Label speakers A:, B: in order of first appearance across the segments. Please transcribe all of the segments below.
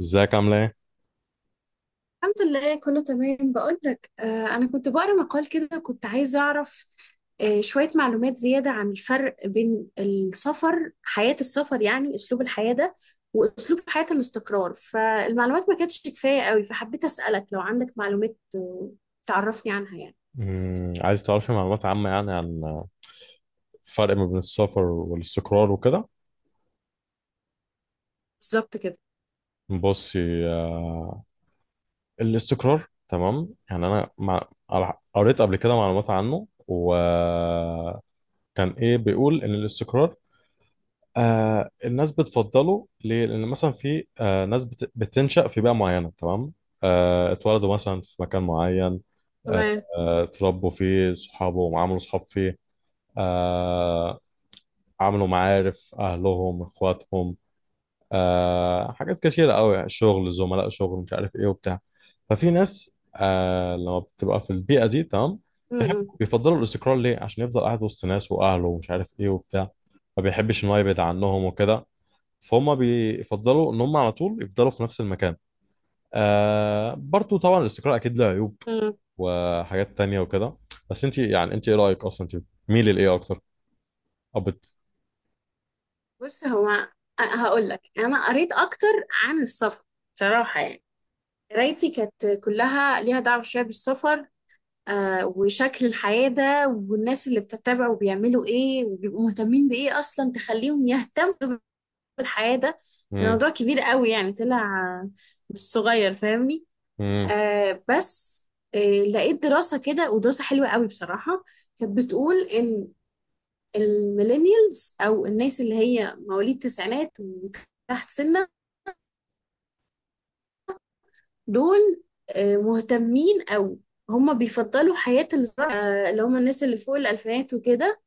A: ازيك عاملة ايه؟
B: الحمد لله، كله تمام. بقولك أنا كنت بقرأ مقال كده، كنت عايزة أعرف شوية معلومات زيادة عن الفرق بين السفر، حياة السفر يعني أسلوب الحياة ده، وأسلوب حياة الاستقرار. فالمعلومات ما كانتش كفاية قوي، فحبيت أسألك لو عندك معلومات تعرفني عنها يعني.
A: عايز تعرفي معلومات عامة يعني عن الفرق ما بين السفر والاستقرار وكده؟
B: بالظبط كده.
A: بصي. آه، الاستقرار تمام يعني قريت قبل كده معلومات عنه، وكان ايه بيقول ان الاستقرار الناس بتفضله ليه؟ لان مثلا في ناس بتنشأ في بيئة معينة، تمام؟ اتولدوا مثلا في مكان معين. آه.
B: تمام.
A: اتربوا فيه صحابه وعملوا صحاب فيه. آه، عملوا معارف اهلهم اخواتهم، حاجات كتيرة قوي، شغل، زملاء شغل، مش عارف ايه وبتاع. ففي ناس لما بتبقى في البيئة دي تمام،
B: م- م-
A: بيفضلوا الاستقرار ليه، عشان يفضل قاعد وسط ناس واهله ومش عارف ايه وبتاع. ما بيحبش ان هو يبعد عنهم وكده، فهم بيفضلوا ان هم على طول يفضلوا في نفس المكان. برضو طبعا الاستقرار اكيد له عيوب
B: م.
A: وحاجات تانية وكده. بس انت يعني، انت ايه رأيك اصلا، انت ميل لايه اكتر؟ أو بت...
B: بص، هو هقولك، أنا قريت أكتر عن السفر بصراحة يعني، قرايتي كانت كلها ليها دعوة شوية بالسفر وشكل الحياة ده، والناس اللي بتتبع وبيعملوا ايه وبيبقوا مهتمين بايه اصلا تخليهم يهتموا بالحياة ده.
A: مم.
B: الموضوع كبير قوي يعني، طلع آه، مش صغير فاهمني.
A: مم.
B: بس آه لقيت دراسة كده، ودراسة حلوة قوي بصراحة، كانت بتقول ان الميلينيالز او الناس اللي هي مواليد التسعينات وتحت سنة دول مهتمين، او هما بيفضلوا حياة الزراعة، اللي هما الناس اللي فوق الألفينات وكده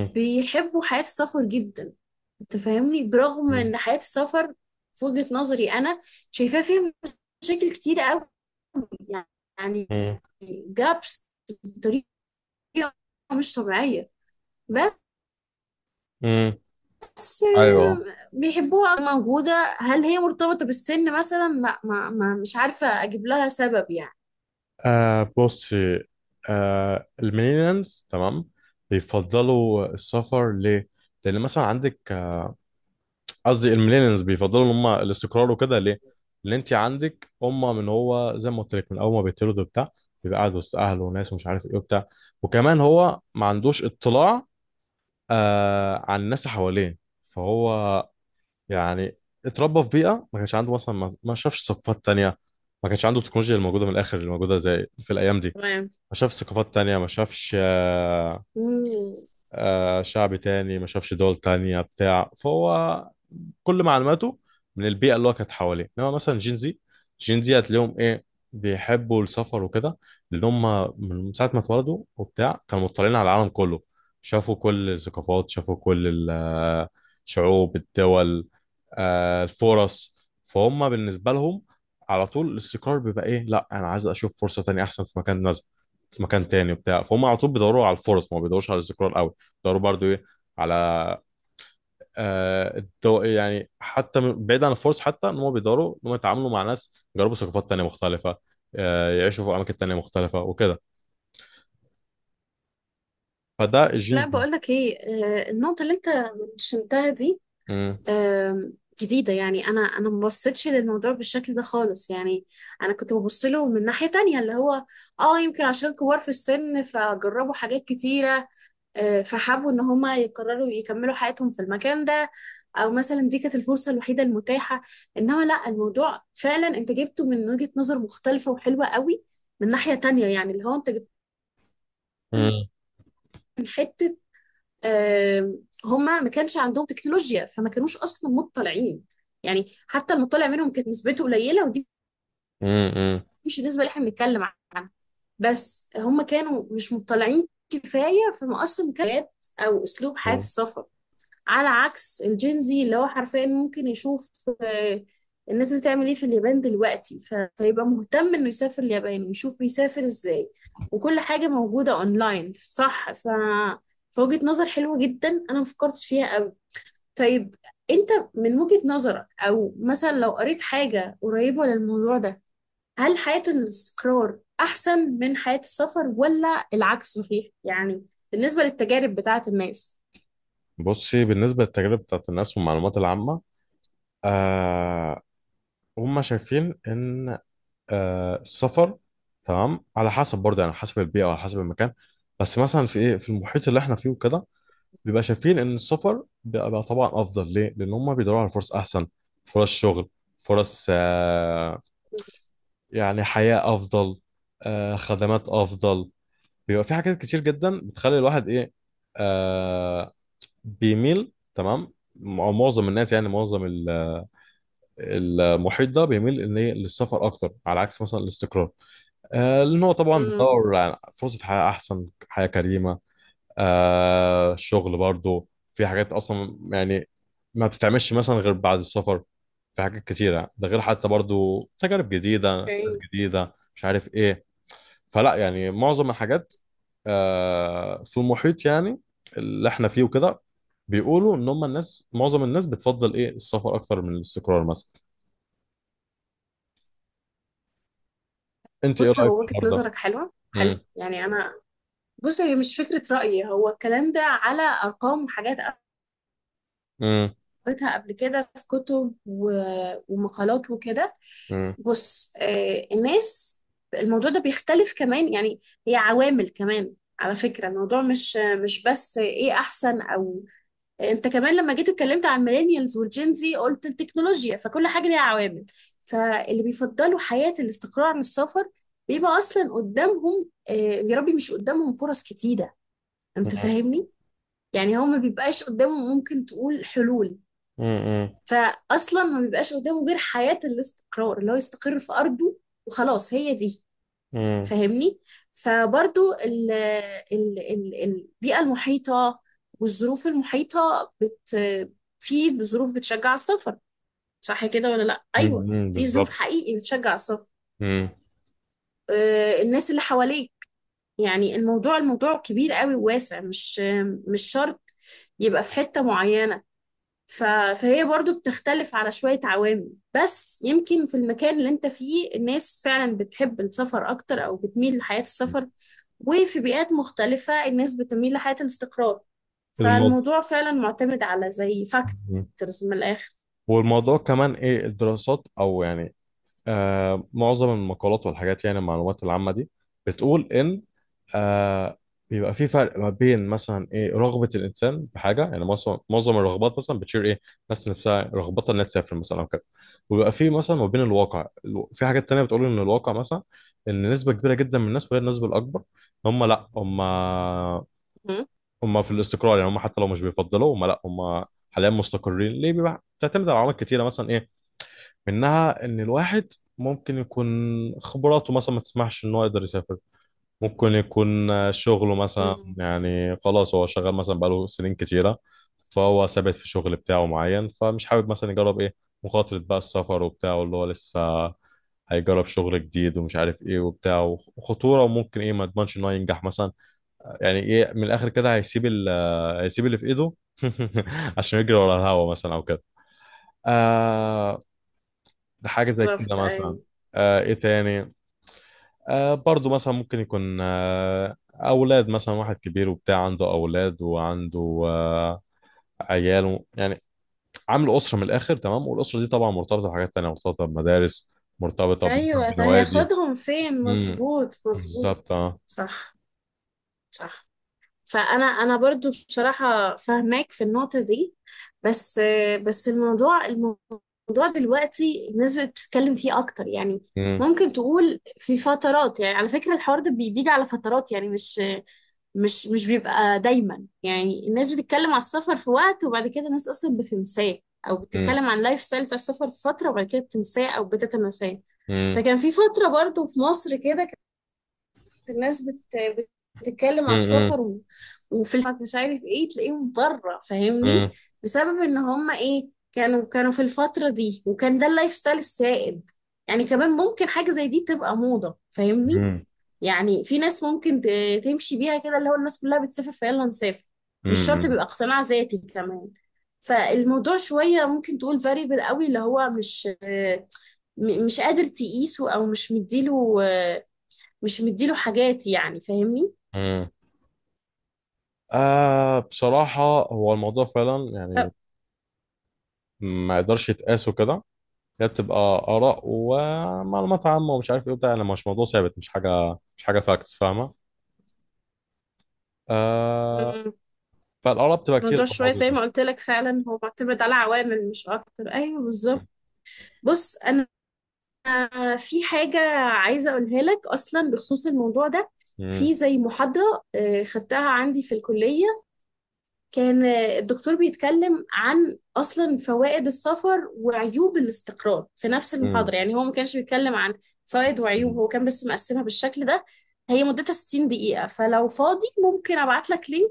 B: بيحبوا حياة السفر جدا. انت فاهمني، برغم
A: مم.
B: ان حياة السفر في وجهة نظري انا شايفاها فيها مشاكل كتير قوي يعني،
A: مم.
B: جابس بطريقة مش طبيعية.
A: مم.
B: بس
A: ايوه.
B: بيحبوها موجودة. هل هي مرتبطة بالسن مثلا؟ لا، ما مش عارفة اجيب لها سبب يعني.
A: بص. الميلينيالز تمام بيفضلوا السفر ليه؟ لأن مثلا عندك قصدي الميلينيالز بيفضلوا إن هم الاستقرار وكده ليه؟ لأن أنت عندك، هم من هو زي ما قلت لك من أول ما بيتولد وبتاع بيبقى قاعد وسط أهله وناس ومش عارف إيه وبتاع. وكمان هو ما عندوش اطلاع عن الناس اللي حواليه. فهو يعني اتربى في بيئه ما كانش عنده مثلا، ما شافش ثقافات تانية، ما كانش عنده التكنولوجيا الموجوده من الاخر اللي موجوده زي في الايام دي.
B: تمام.
A: ما شافش ثقافات تانية، ما شافش
B: مم.
A: شعب تاني، ما شافش دول تانية بتاع. فهو كل معلوماته من البيئه اللي هو كانت حواليه، انما مثلا جينزي هتلاقيهم ايه بيحبوا السفر وكده، لان هم من ساعه ما اتولدوا وبتاع كانوا مطلعين على العالم كله. شافوا كل الثقافات، شافوا كل الشعوب، الدول، الفرص. فهم بالنسبه لهم على طول الاستقرار بيبقى ايه، لا انا عايز اشوف فرصه تانية احسن في مكان نزل، في مكان تاني وبتاع. فهم على طول بيدوروا على الفرص، ما بيدوروش على الاستقرار قوي. بيدوروا برضو ايه، على يعني حتى بعيد عن الفرص، حتى ان هم بيقدروا ان هم يتعاملوا مع ناس، يجربوا ثقافات تانية مختلفة، يعيشوا في اماكن تانية مختلفة وكده. فده
B: بس
A: الجين
B: لا،
A: زي.
B: بقولك ايه، النقطة اللي انت منشنتها دي
A: مم.
B: آم، جديدة يعني. أنا ما بصيتش للموضوع بالشكل ده خالص يعني. أنا كنت ببص له من ناحية تانية، اللي هو يمكن عشان كبار في السن فجربوا حاجات كتيرة، فحبوا إن هما يقرروا يكملوا حياتهم في المكان ده، أو مثلا دي كانت الفرصة الوحيدة المتاحة. إنما لأ، الموضوع فعلا أنت جبته من وجهة نظر مختلفة وحلوة قوي من ناحية تانية، يعني اللي هو أنت جبته
A: مم.
B: من حتة، آه، هما ما كانش عندهم تكنولوجيا، فما كانوش اصلا مطلعين. يعني حتى المطلع منهم كانت نسبته قليله، ودي
A: مم. مم.
B: مش النسبه اللي احنا بنتكلم عنها. بس هما كانوا مش مطلعين كفايه، فما اصلا مكانت او اسلوب حياه
A: مم.
B: السفر، على عكس الجينزي اللي هو حرفيا ممكن يشوف آه، الناس بتعمل ايه في اليابان دلوقتي. فيبقى مهتم انه يسافر اليابان ويشوف يسافر ازاي، وكل حاجه موجوده اونلاين صح. فوجهة نظر حلوة جدا أنا مفكرتش فيها. طيب، انت من وجهة نظرك، او مثلا لو قريت حاجة قريبة للموضوع ده، هل حياة الاستقرار احسن من حياة السفر ولا العكس صحيح، يعني بالنسبة للتجارب بتاعة الناس؟
A: بصي، بالنسبة للتجارب بتاعت الناس والمعلومات العامة، آه هم شايفين ان السفر تمام على حسب برضه، يعني على حسب البيئة وعلى حسب المكان. بس مثلا في ايه، في المحيط اللي احنا فيه وكده، بيبقى شايفين ان السفر بيبقى طبعا افضل ليه، لان هم بيدوروا على فرص احسن، فرص شغل، فرص يعني حياة افضل، خدمات افضل. بيبقى في حاجات كتير جدا بتخلي الواحد ايه، آه، بيميل تمام. معظم الناس يعني، معظم المحيط ده بيميل ان إيه؟ للسفر اكتر، على عكس مثلا الاستقرار. لان هو طبعا
B: امم.
A: بيدور على فرصة حياة احسن، حياة كريمة. الشغل برضو، في حاجات اصلا يعني ما بتتعملش مثلا غير بعد السفر، في حاجات كتيرة، ده غير حتى برضو تجارب جديدة، ناس
B: اوكي.
A: جديدة، مش عارف ايه. فلا يعني معظم الحاجات في المحيط يعني اللي احنا فيه وكده، بيقولوا ان هم الناس، معظم الناس بتفضل ايه السفر اكتر من الاستقرار مثلا. انت ايه
B: بص،
A: رأيك
B: هو
A: في
B: وجهة
A: الحوار ده؟
B: نظرك حلوة، حلو
A: مم.
B: يعني. انا بص، هي مش فكرة رأيي، هو الكلام ده على ارقام وحاجات
A: مم.
B: قريتها قبل كده في كتب ومقالات وكده.
A: مم.
B: بص الناس الموضوع ده بيختلف كمان يعني، هي عوامل كمان. على فكرة الموضوع مش بس ايه احسن، او انت كمان لما جيت اتكلمت عن الميلينيالز والجينزي قلت التكنولوجيا، فكل حاجة ليها عوامل. فاللي بيفضلوا حياة الاستقرار عن السفر بيبقى اصلا قدامهم، يا ربي، مش قدامهم فرص كتيرة، انت
A: مم.
B: فاهمني. يعني هو ما بيبقاش قدامه ممكن تقول حلول،
A: مم.
B: فاصلا ما بيبقاش قدامه غير حياه الاستقرار، اللي هو يستقر في ارضه وخلاص هي دي
A: مم.
B: فاهمني. فبرضو ال ال ال البيئه المحيطه والظروف المحيطه في ظروف بتشجع السفر، صح كده ولا لا؟
A: مم.
B: ايوه،
A: مم.
B: في ظروف
A: بالظبط.
B: حقيقي بتشجع السفر،
A: مم.
B: الناس اللي حواليك يعني. الموضوع الموضوع كبير قوي وواسع، مش شرط يبقى في حتة معينة. ف... فهي برضو بتختلف على شوية عوامل، بس يمكن في المكان اللي انت فيه الناس فعلا بتحب السفر اكتر او بتميل لحياة السفر، وفي بيئات مختلفة الناس بتميل لحياة الاستقرار. فالموضوع فعلا معتمد على زي
A: الموضوع
B: فاكتورز من الاخر.
A: والموضوع كمان ايه الدراسات او يعني معظم المقالات والحاجات يعني المعلومات العامة دي بتقول ان آه بيبقى في فرق ما بين مثلا ايه رغبة الانسان بحاجة، يعني معظم الرغبات مثلا بتشير ايه، الناس نفسها رغبتها انها تسافر مثلا او كده. وبيبقى في مثلا ما بين الواقع، في حاجات تانية بتقول ان الواقع مثلا ان نسبة كبيرة جدا من الناس، وغير النسبة الاكبر، هم لا، هم
B: مم.
A: هم في الاستقرار. يعني هم حتى لو مش بيفضلوا، هم لا هم حاليا مستقرين ليه، بيبقى بتعتمد على عوامل كتيره مثلا إيه، منها ان الواحد ممكن يكون خبراته مثلا ما تسمحش ان هو يقدر يسافر. ممكن يكون شغله مثلا
B: مم.
A: يعني، خلاص هو شغال مثلا بقاله سنين كتيرة، فهو ثابت في شغل بتاعه معين، فمش حابب مثلا يجرب ايه، مخاطرة بقى السفر وبتاعه، اللي هو لسه هيجرب شغل جديد ومش عارف ايه وبتاع، وخطورة، وممكن ايه ما يضمنش ان هو ينجح مثلا. يعني ايه من الاخر كده، هيسيب اللي في ايده عشان يجري ورا الهوا مثلا او كده. آه ده حاجة زي كده
B: بالظبط،
A: مثلا.
B: ايوه،
A: ايه تاني؟ برضو مثلا ممكن يكون اولاد، مثلا واحد كبير وبتاع عنده اولاد، وعنده آه عياله يعني، عامل اسرة من الاخر تمام. والاسرة دي طبعا مرتبطة بحاجات تانية، مرتبطة بمدارس، مرتبطة مثلا
B: ايوه ده
A: بنوادي.
B: هياخدهم فين؟
A: امم.
B: مظبوط مظبوط.
A: بالظبط، اه.
B: صح. صح. فانا برضو بصراحه فاهماك في النقطه دي. بس بس الموضوع الموضوع دلوقتي الناس بقت بتتكلم فيه اكتر يعني،
A: امم.
B: ممكن تقول في فترات. يعني على فكرة الحوار ده بيجي على فترات، يعني مش بيبقى دايما. يعني الناس بتتكلم على السفر في وقت، وبعد كده الناس اصلا بتنساه، او
A: امم.
B: بتتكلم عن لايف ستايل بتاع السفر في فترة وبعد كده بتنساه او بتتناساه.
A: امم.
B: فكان في فترة برضو في مصر كده الناس بتتكلم على
A: امم.
B: السفر، وفي الحج مش عارف ايه تلاقيهم بره فاهمني،
A: امم.
B: بسبب ان هم ايه كانوا في الفترة دي، وكان ده اللايف ستايل السائد. يعني كمان ممكن حاجة زي دي تبقى موضة فاهمني،
A: امم.
B: يعني في ناس ممكن تمشي بيها كده، اللي هو الناس كلها بتسافر فيلا نسافر، مش شرط
A: امم.
B: بيبقى اقتناع ذاتي كمان. فالموضوع شوية ممكن تقول فاريبل قوي، اللي هو مش قادر تقيسه، او مش مديله حاجات يعني فاهمني.
A: امم. بصراحة هو الموضوع فعلا
B: ف-
A: يعني ما يقدرش يتقاسه كده. هي بتبقى آراء ومعلومات عامة ومش عارف إيه وبتاع، يعني مش موضوع ثابت، مش حاجة فاكتس فاهمة؟ آه.
B: مم.
A: فالآراء بتبقى كتير
B: الموضوع
A: في
B: شوية
A: الموضوع
B: زي
A: ده.
B: ما قلت لك، فعلا هو معتمد على عوامل مش أكتر. أيوه بالظبط. بص أنا في حاجة عايزة أقولها لك أصلا بخصوص الموضوع ده. في
A: مم.
B: زي محاضرة خدتها عندي في الكلية، كان الدكتور بيتكلم عن أصلا فوائد السفر وعيوب الاستقرار في نفس
A: مم.
B: المحاضرة، يعني هو ما كانش بيتكلم عن فوائد وعيوب،
A: مم.
B: هو كان بس مقسمها بالشكل ده. هي مدتها 60 دقيقة، فلو فاضي ممكن أبعت لك لينك،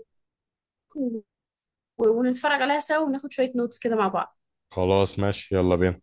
B: و- ونتفرج عليها سوا وناخد شوية نوتس كده مع بعض.
A: خلاص، ماشي، يلا بينا.